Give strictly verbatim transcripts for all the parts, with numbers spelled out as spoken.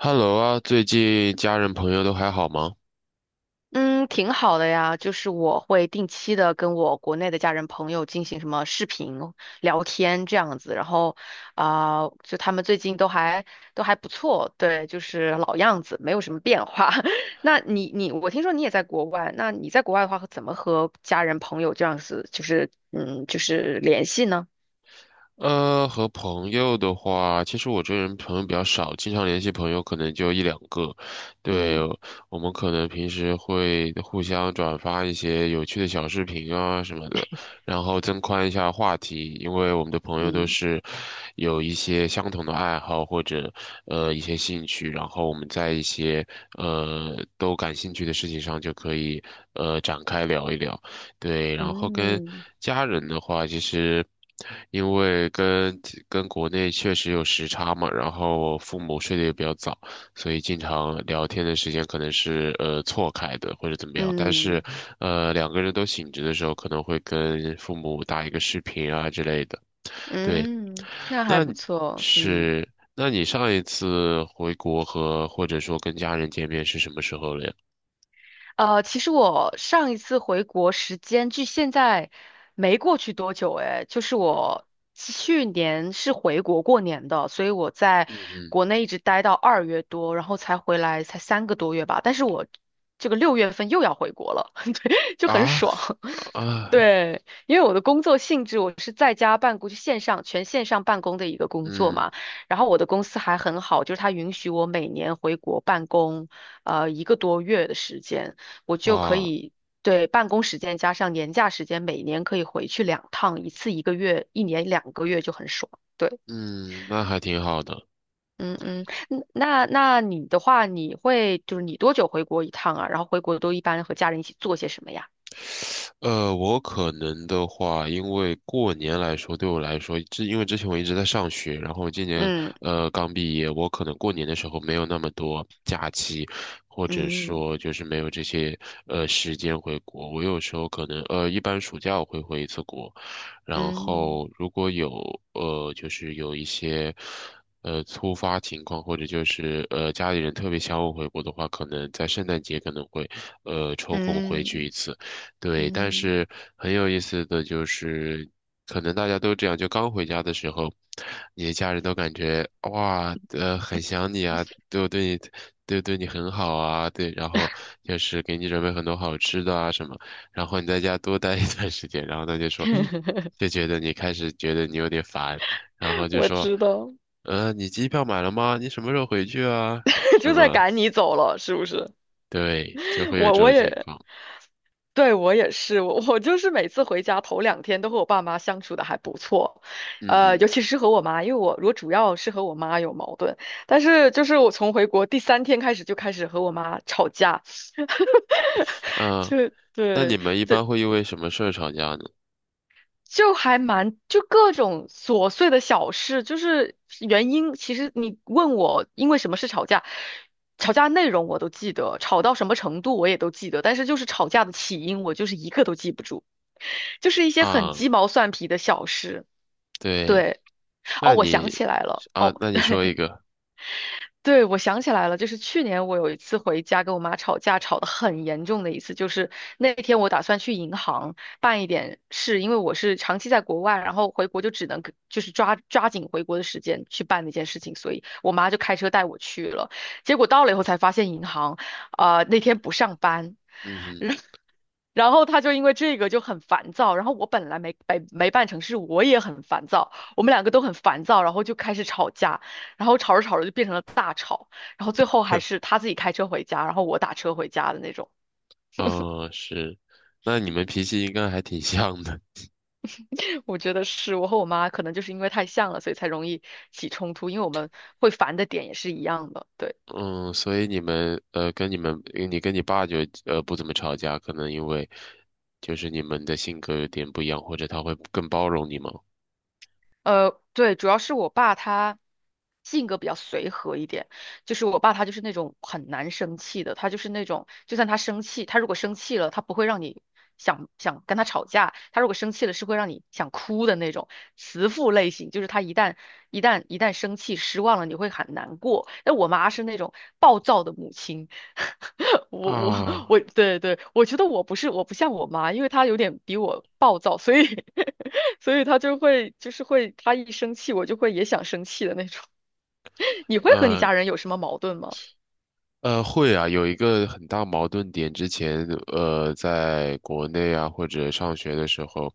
Hello 啊，最近家人朋友都还好吗？嗯，挺好的呀，就是我会定期的跟我国内的家人朋友进行什么视频聊天这样子，然后啊、就他们最近都还都还不错，对，就是老样子，没有什么变化。那你你，我听说你也在国外，那你在国外的话，怎么和家人朋友这样子，就是嗯，就是联系呢？呃，和朋友的话，其实我这人朋友比较少，经常联系朋友可能就一两个。对，嗯。我们可能平时会互相转发一些有趣的小视频啊什么的，然后增宽一下话题，因为我们的朋友都嗯。是有一些相同的爱好或者呃一些兴趣，然后我们在一些呃都感兴趣的事情上就可以呃展开聊一聊。对，然后跟嗯。家人的话，其实因为跟跟国内确实有时差嘛，然后父母睡得也比较早，所以经常聊天的时间可能是呃错开的或者怎么样。但是嗯。呃两个人都醒着的时候，可能会跟父母打一个视频啊之类的。对，嗯，那还那不你错，嗯。是那你上一次回国和或者说跟家人见面是什么时候了呀？呃，其实我上一次回国时间距现在没过去多久，哎，就是我去年是回国过年的，所以我在嗯嗯。国内一直待到二月多，然后才回来，才三个多月吧。但是我这个六月份又要回国了。对，就很啊。爽。啊。对，因为我的工作性质，我是在家办公，就线上全线上办公的一个工作嗯。嘛。然后我的公司还很好，就是它允许我每年回国办公，呃，一个多月的时间。我就可啊。以，对，办公时间加上年假时间，每年可以回去两趟，一次一个月，一年两个月就很爽。对。嗯，那还挺好的。嗯嗯。嗯那那你的话，你会就是你多久回国一趟啊？然后回国都一般和家人一起做些什么呀？呃，我可能的话，因为过年来说，对我来说，之因为之前我一直在上学，然后今年嗯。呃刚毕业，我可能过年的时候没有那么多假期，或者嗯。说就是没有这些呃时间回国。我有时候可能呃一般暑假我会回一次国，然嗯。后如果有呃就是有一些呃突发情况，或者就是呃家里人特别想我回国的话，可能在圣诞节可能会呃抽空回去一嗯。次。对，但嗯。是很有意思的就是，可能大家都这样，就刚回家的时候，你的家人都感觉哇，呃，很想你啊，都对你，都对你很好啊，对，然后就是给你准备很多好吃的啊什么，然后你在家多待一段时间，然后他就说，就觉得你开始觉得你有点烦，然后就我说，知道。呃，你机票买了吗？你什么时候回去啊？什就在么？赶你走了，是不是？对，就 会有我这我种情也况。对，我也是。我我就是每次回家头两天都和我爸妈相处的还不错。嗯呃，嗯。尤其是和我妈，因为我我主要是和我妈有矛盾，但是就是我从回国第三天开始就开始和我妈吵架。嗯，呃就那你对，们一这般会因为什么事儿吵架呢？就还蛮，就各种琐碎的小事，就是原因。其实你问我因为什么事吵架，吵架内容我都记得，吵到什么程度我也都记得，但是就是吵架的起因，我就是一个都记不住，就是一些很啊，鸡毛蒜皮的小事。对，对。哦，那我想你起来了。啊，哦。那你说一个，对，我想起来了，就是去年我有一次回家跟我妈吵架，吵得很严重的一次，就是那天我打算去银行办一点事，因为我是长期在国外，然后回国就只能跟就是抓抓紧回国的时间去办那件事情，所以我妈就开车带我去了。结果到了以后才发现银行啊、那天不上班，嗯哼。然后他就因为这个就很烦躁，然后我本来没没没办成事，我也很烦躁，我们两个都很烦躁，然后就开始吵架，然后吵着吵着就变成了大吵，然后最后还是他自己开车回家，然后我打车回家的那种。嗯，是，那你们脾气应该还挺像的，我觉得是我和我妈可能就是因为太像了，所以才容易起冲突，因为我们会烦的点也是一样的，对。嗯，所以你们呃，跟你们你跟你爸就呃不怎么吵架，可能因为就是你们的性格有点不一样，或者他会更包容你吗？呃，对，主要是我爸他性格比较随和一点，就是我爸他就是那种很难生气的，他就是那种就算他生气，他如果生气了，他不会让你想想跟他吵架，他如果生气了是会让你想哭的那种慈父类型，就是他一旦一旦一旦生气失望了，你会很难过。但我妈是那种暴躁的母亲。我我啊，我，对对，我觉得我不是我不像我妈，因为她有点比我暴躁，所以 所以她就会就是会，她一生气我就会也想生气的那种。你会和你嗯。家人有什么矛盾吗？呃，会啊，有一个很大矛盾点。之前，呃，在国内啊，或者上学的时候，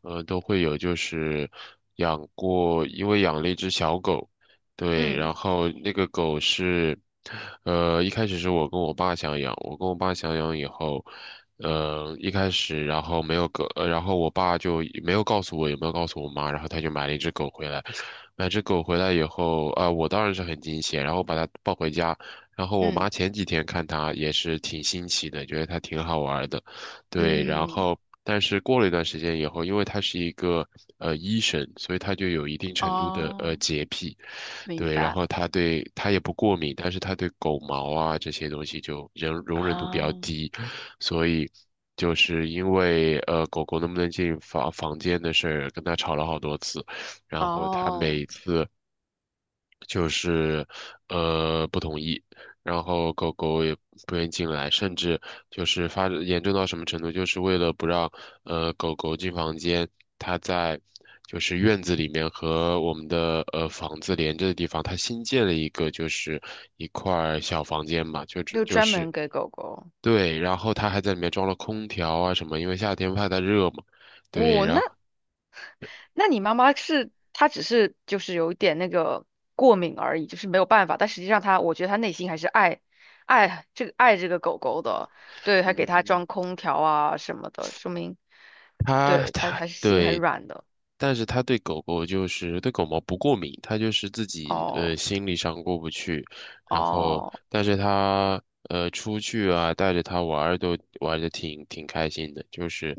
呃，都会有，就是养过，因为养了一只小狗，对，嗯。然后那个狗是，呃，一开始是我跟我爸想养，我跟我爸想养以后，呃，一开始，然后没有狗，呃，然后我爸就没有告诉我，也没有告诉我妈，然后他就买了一只狗回来，买只狗回来以后，啊、我当然是很惊喜，然后把它抱回家。然后我嗯。妈前几天看它也是挺新奇的，觉得它挺好玩儿的，对。然嗯。后，但是过了一段时间以后，因为它是一个呃医生，所以它就有一定程度的呃哦，洁癖，明对。然白后它对它也不过敏，但是它对狗毛啊这些东西就容容忍度比较啊。低，所以。就是因为呃，狗狗能不能进房房间的事儿，跟它吵了好多次，然后它哦，每次就是呃不同意，然后狗狗也不愿意进来，甚至就是发展严重到什么程度，就是为了不让呃狗狗进房间，它在就是院子里面和我们的呃房子连着的地方，它新建了一个就是一块儿小房间嘛，就只就就专是门给狗狗。对，然后它还在里面装了空调啊什么，因为夏天怕它热嘛，对，我那然后那你妈妈是，她只是就是有一点那个过敏而已，就是没有办法。但实际上她，我觉得她内心还是爱爱这个爱这个狗狗的，对，还给它嗯，装空调啊什么的，说明，它对，她它还是心很对。软的。但是他对狗狗就是对狗毛不过敏，他就是自己呃哦。心理上过不去，然后哦。但是他呃出去啊带着它玩儿都玩的挺挺开心的，就是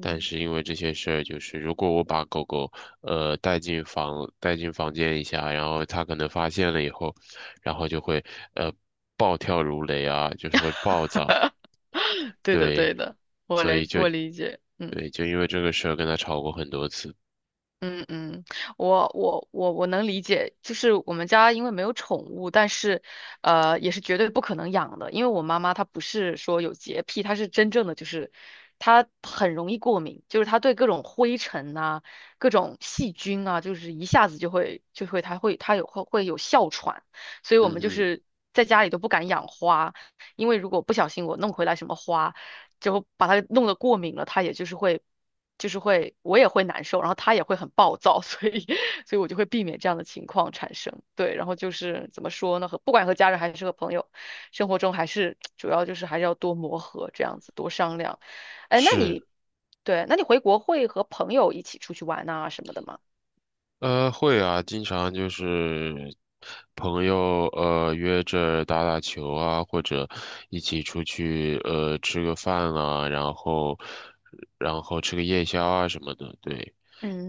但是因为这些事儿，就是如果我把狗狗呃带进房带进房间一下，然后它可能发现了以后，然后就会呃暴跳如雷啊，就是会暴躁，对的对，对的，我所以理就我理解，嗯。对就因为这个事儿跟他吵过很多次，嗯嗯，我我我我能理解，就是我们家因为没有宠物，但是，呃，也是绝对不可能养的，因为我妈妈她不是说有洁癖，她是真正的就是她很容易过敏，就是她对各种灰尘啊、各种细菌啊，就是一下子就会就会她会她有会会有哮喘，所以我嗯们就嗯。是在家里都不敢养花，因为如果不小心我弄回来什么花，就把它弄得过敏了，它也就是会。就是会我也会难受，然后他也会很暴躁，所以 所以我就会避免这样的情况产生。对，然后就是怎么说呢，和不管和家人还是和朋友，生活中还是主要就是还是要多磨合，这样子多商量。哎，那是。你对，那你回国会和朋友一起出去玩啊什么的吗？呃，会啊，经常就是朋友呃约着打打球啊，或者一起出去呃吃个饭啊，然后然后吃个夜宵啊什么的，对。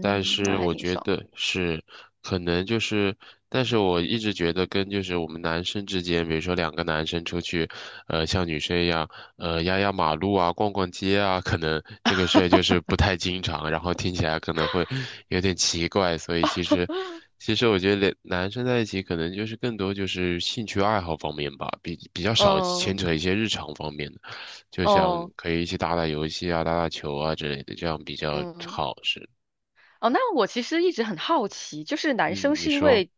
但那是还我挺觉爽。得是，可能就是，但是我一直觉得跟就是我们男生之间，比如说两个男生出去，呃，像女生一样，呃，压压马路啊，逛逛街啊，可能这个事儿就是不太经常，然后听起来可能会有点奇怪，所以其实，其实我觉得两男生在一起可能就是更多就是兴趣爱好方面吧，比比较少牵嗯。扯一些日常方面的，就像哦。可以一起打打游戏啊，打打球啊之类的，这样比较嗯。好，是。哦，那我其实一直很好奇，就是男生嗯，你是因说，为，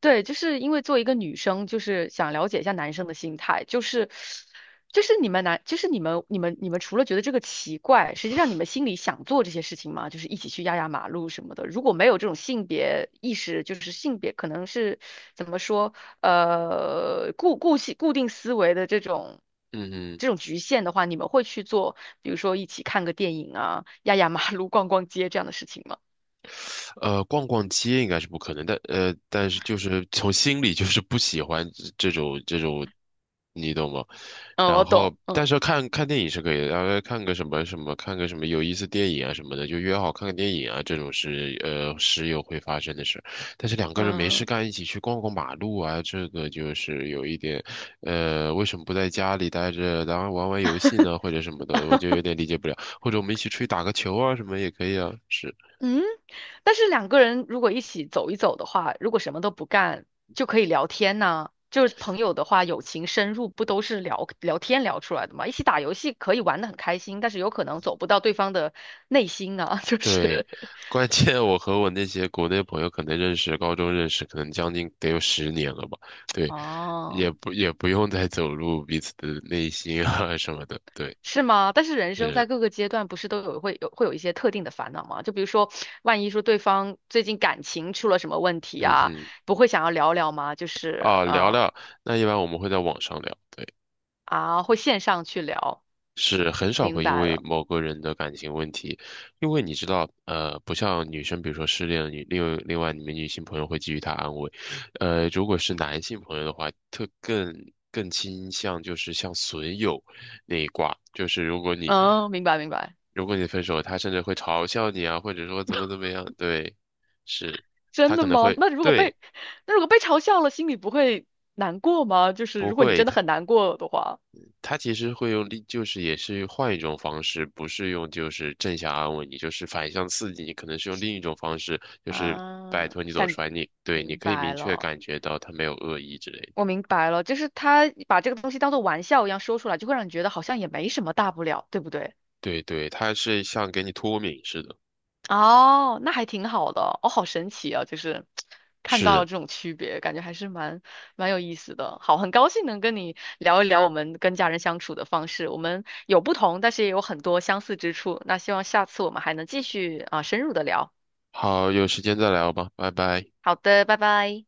对，就是因为作为一个女生，就是想了解一下男生的心态，就是，就是你们男，就是你们你们你们除了觉得这个奇怪，实际上你们心里想做这些事情吗？就是一起去压压马路什么的。如果没有这种性别意识，就是性别可能是怎么说，呃，固固性固定思维的这种。嗯这种局限的话，你们会去做，比如说一起看个电影啊，压压马路、逛逛街这样的事情吗？呃，逛逛街应该是不可能的，但呃，但是就是从心里就是不喜欢这这种这种，你懂吗？嗯，然我后，懂，但嗯。是看看电影是可以的，然后看个什么什么，看个什么有意思电影啊什么的，就约好看个电影啊，这种是呃时有会发生的事。但是两个人没事嗯。 干，一起去逛逛马路啊，这个就是有一点，呃，为什么不在家里待着，然后玩玩游戏呢，或者什么的，我就有点 理解不了。或者我们一起出去打个球啊，什么也可以啊，是。嗯，但是两个人如果一起走一走的话，如果什么都不干，就可以聊天呐、就是朋友的话，友情深入不都是聊聊天聊出来的吗？一起打游戏可以玩得很开心，但是有可能走不到对方的内心啊，就对，是 关键我和我那些国内朋友可能认识，高中认识，可能将近得有十年了吧。对，也哦。不也不用再走入彼此的内心啊什么的。对，是吗？但是人生嗯在各个阶段不是都有会有会有一些特定的烦恼吗？就比如说，万一说对方最近感情出了什么问题嗯啊，哼，不会想要聊聊吗？就是啊，聊呃聊，那一般我们会在网上聊。对。啊，会线上去聊，是很少明会因白为了，某个人的感情问题，因为你知道，呃，不像女生，比如说失恋了，女另另外你们女性朋友会给予她安慰，呃，如果是男性朋友的话，特更更倾向就是像损友那一挂，就是如果你嗯，明白明白。如果你分手，他甚至会嘲笑你啊，或者说怎么怎么样，对，是，真他的可能吗？会那如果对，被那如果被嘲笑了，心里不会难过吗？就是不如果你会，真的很难过的话。他其实会用力，就是也是换一种方式，不是用就是正向安慰你，就是反向刺激你，可能是用另一种方式，就是拜啊，托你走感出来，你对，你明可以白明确了，感觉到他没有恶意之类的。我明白了，就是他把这个东西当做玩笑一样说出来，就会让你觉得好像也没什么大不了，对不对？对对，他是像给你脱敏似的。哦，那还挺好的，哦，好神奇啊！就是看到是，了这种区别，感觉还是蛮蛮有意思的。好，很高兴能跟你聊一聊我们跟家人相处的方式，我们有不同，但是也有很多相似之处。那希望下次我们还能继续啊，深入的聊。好，有时间再聊吧，拜拜。好的，拜拜。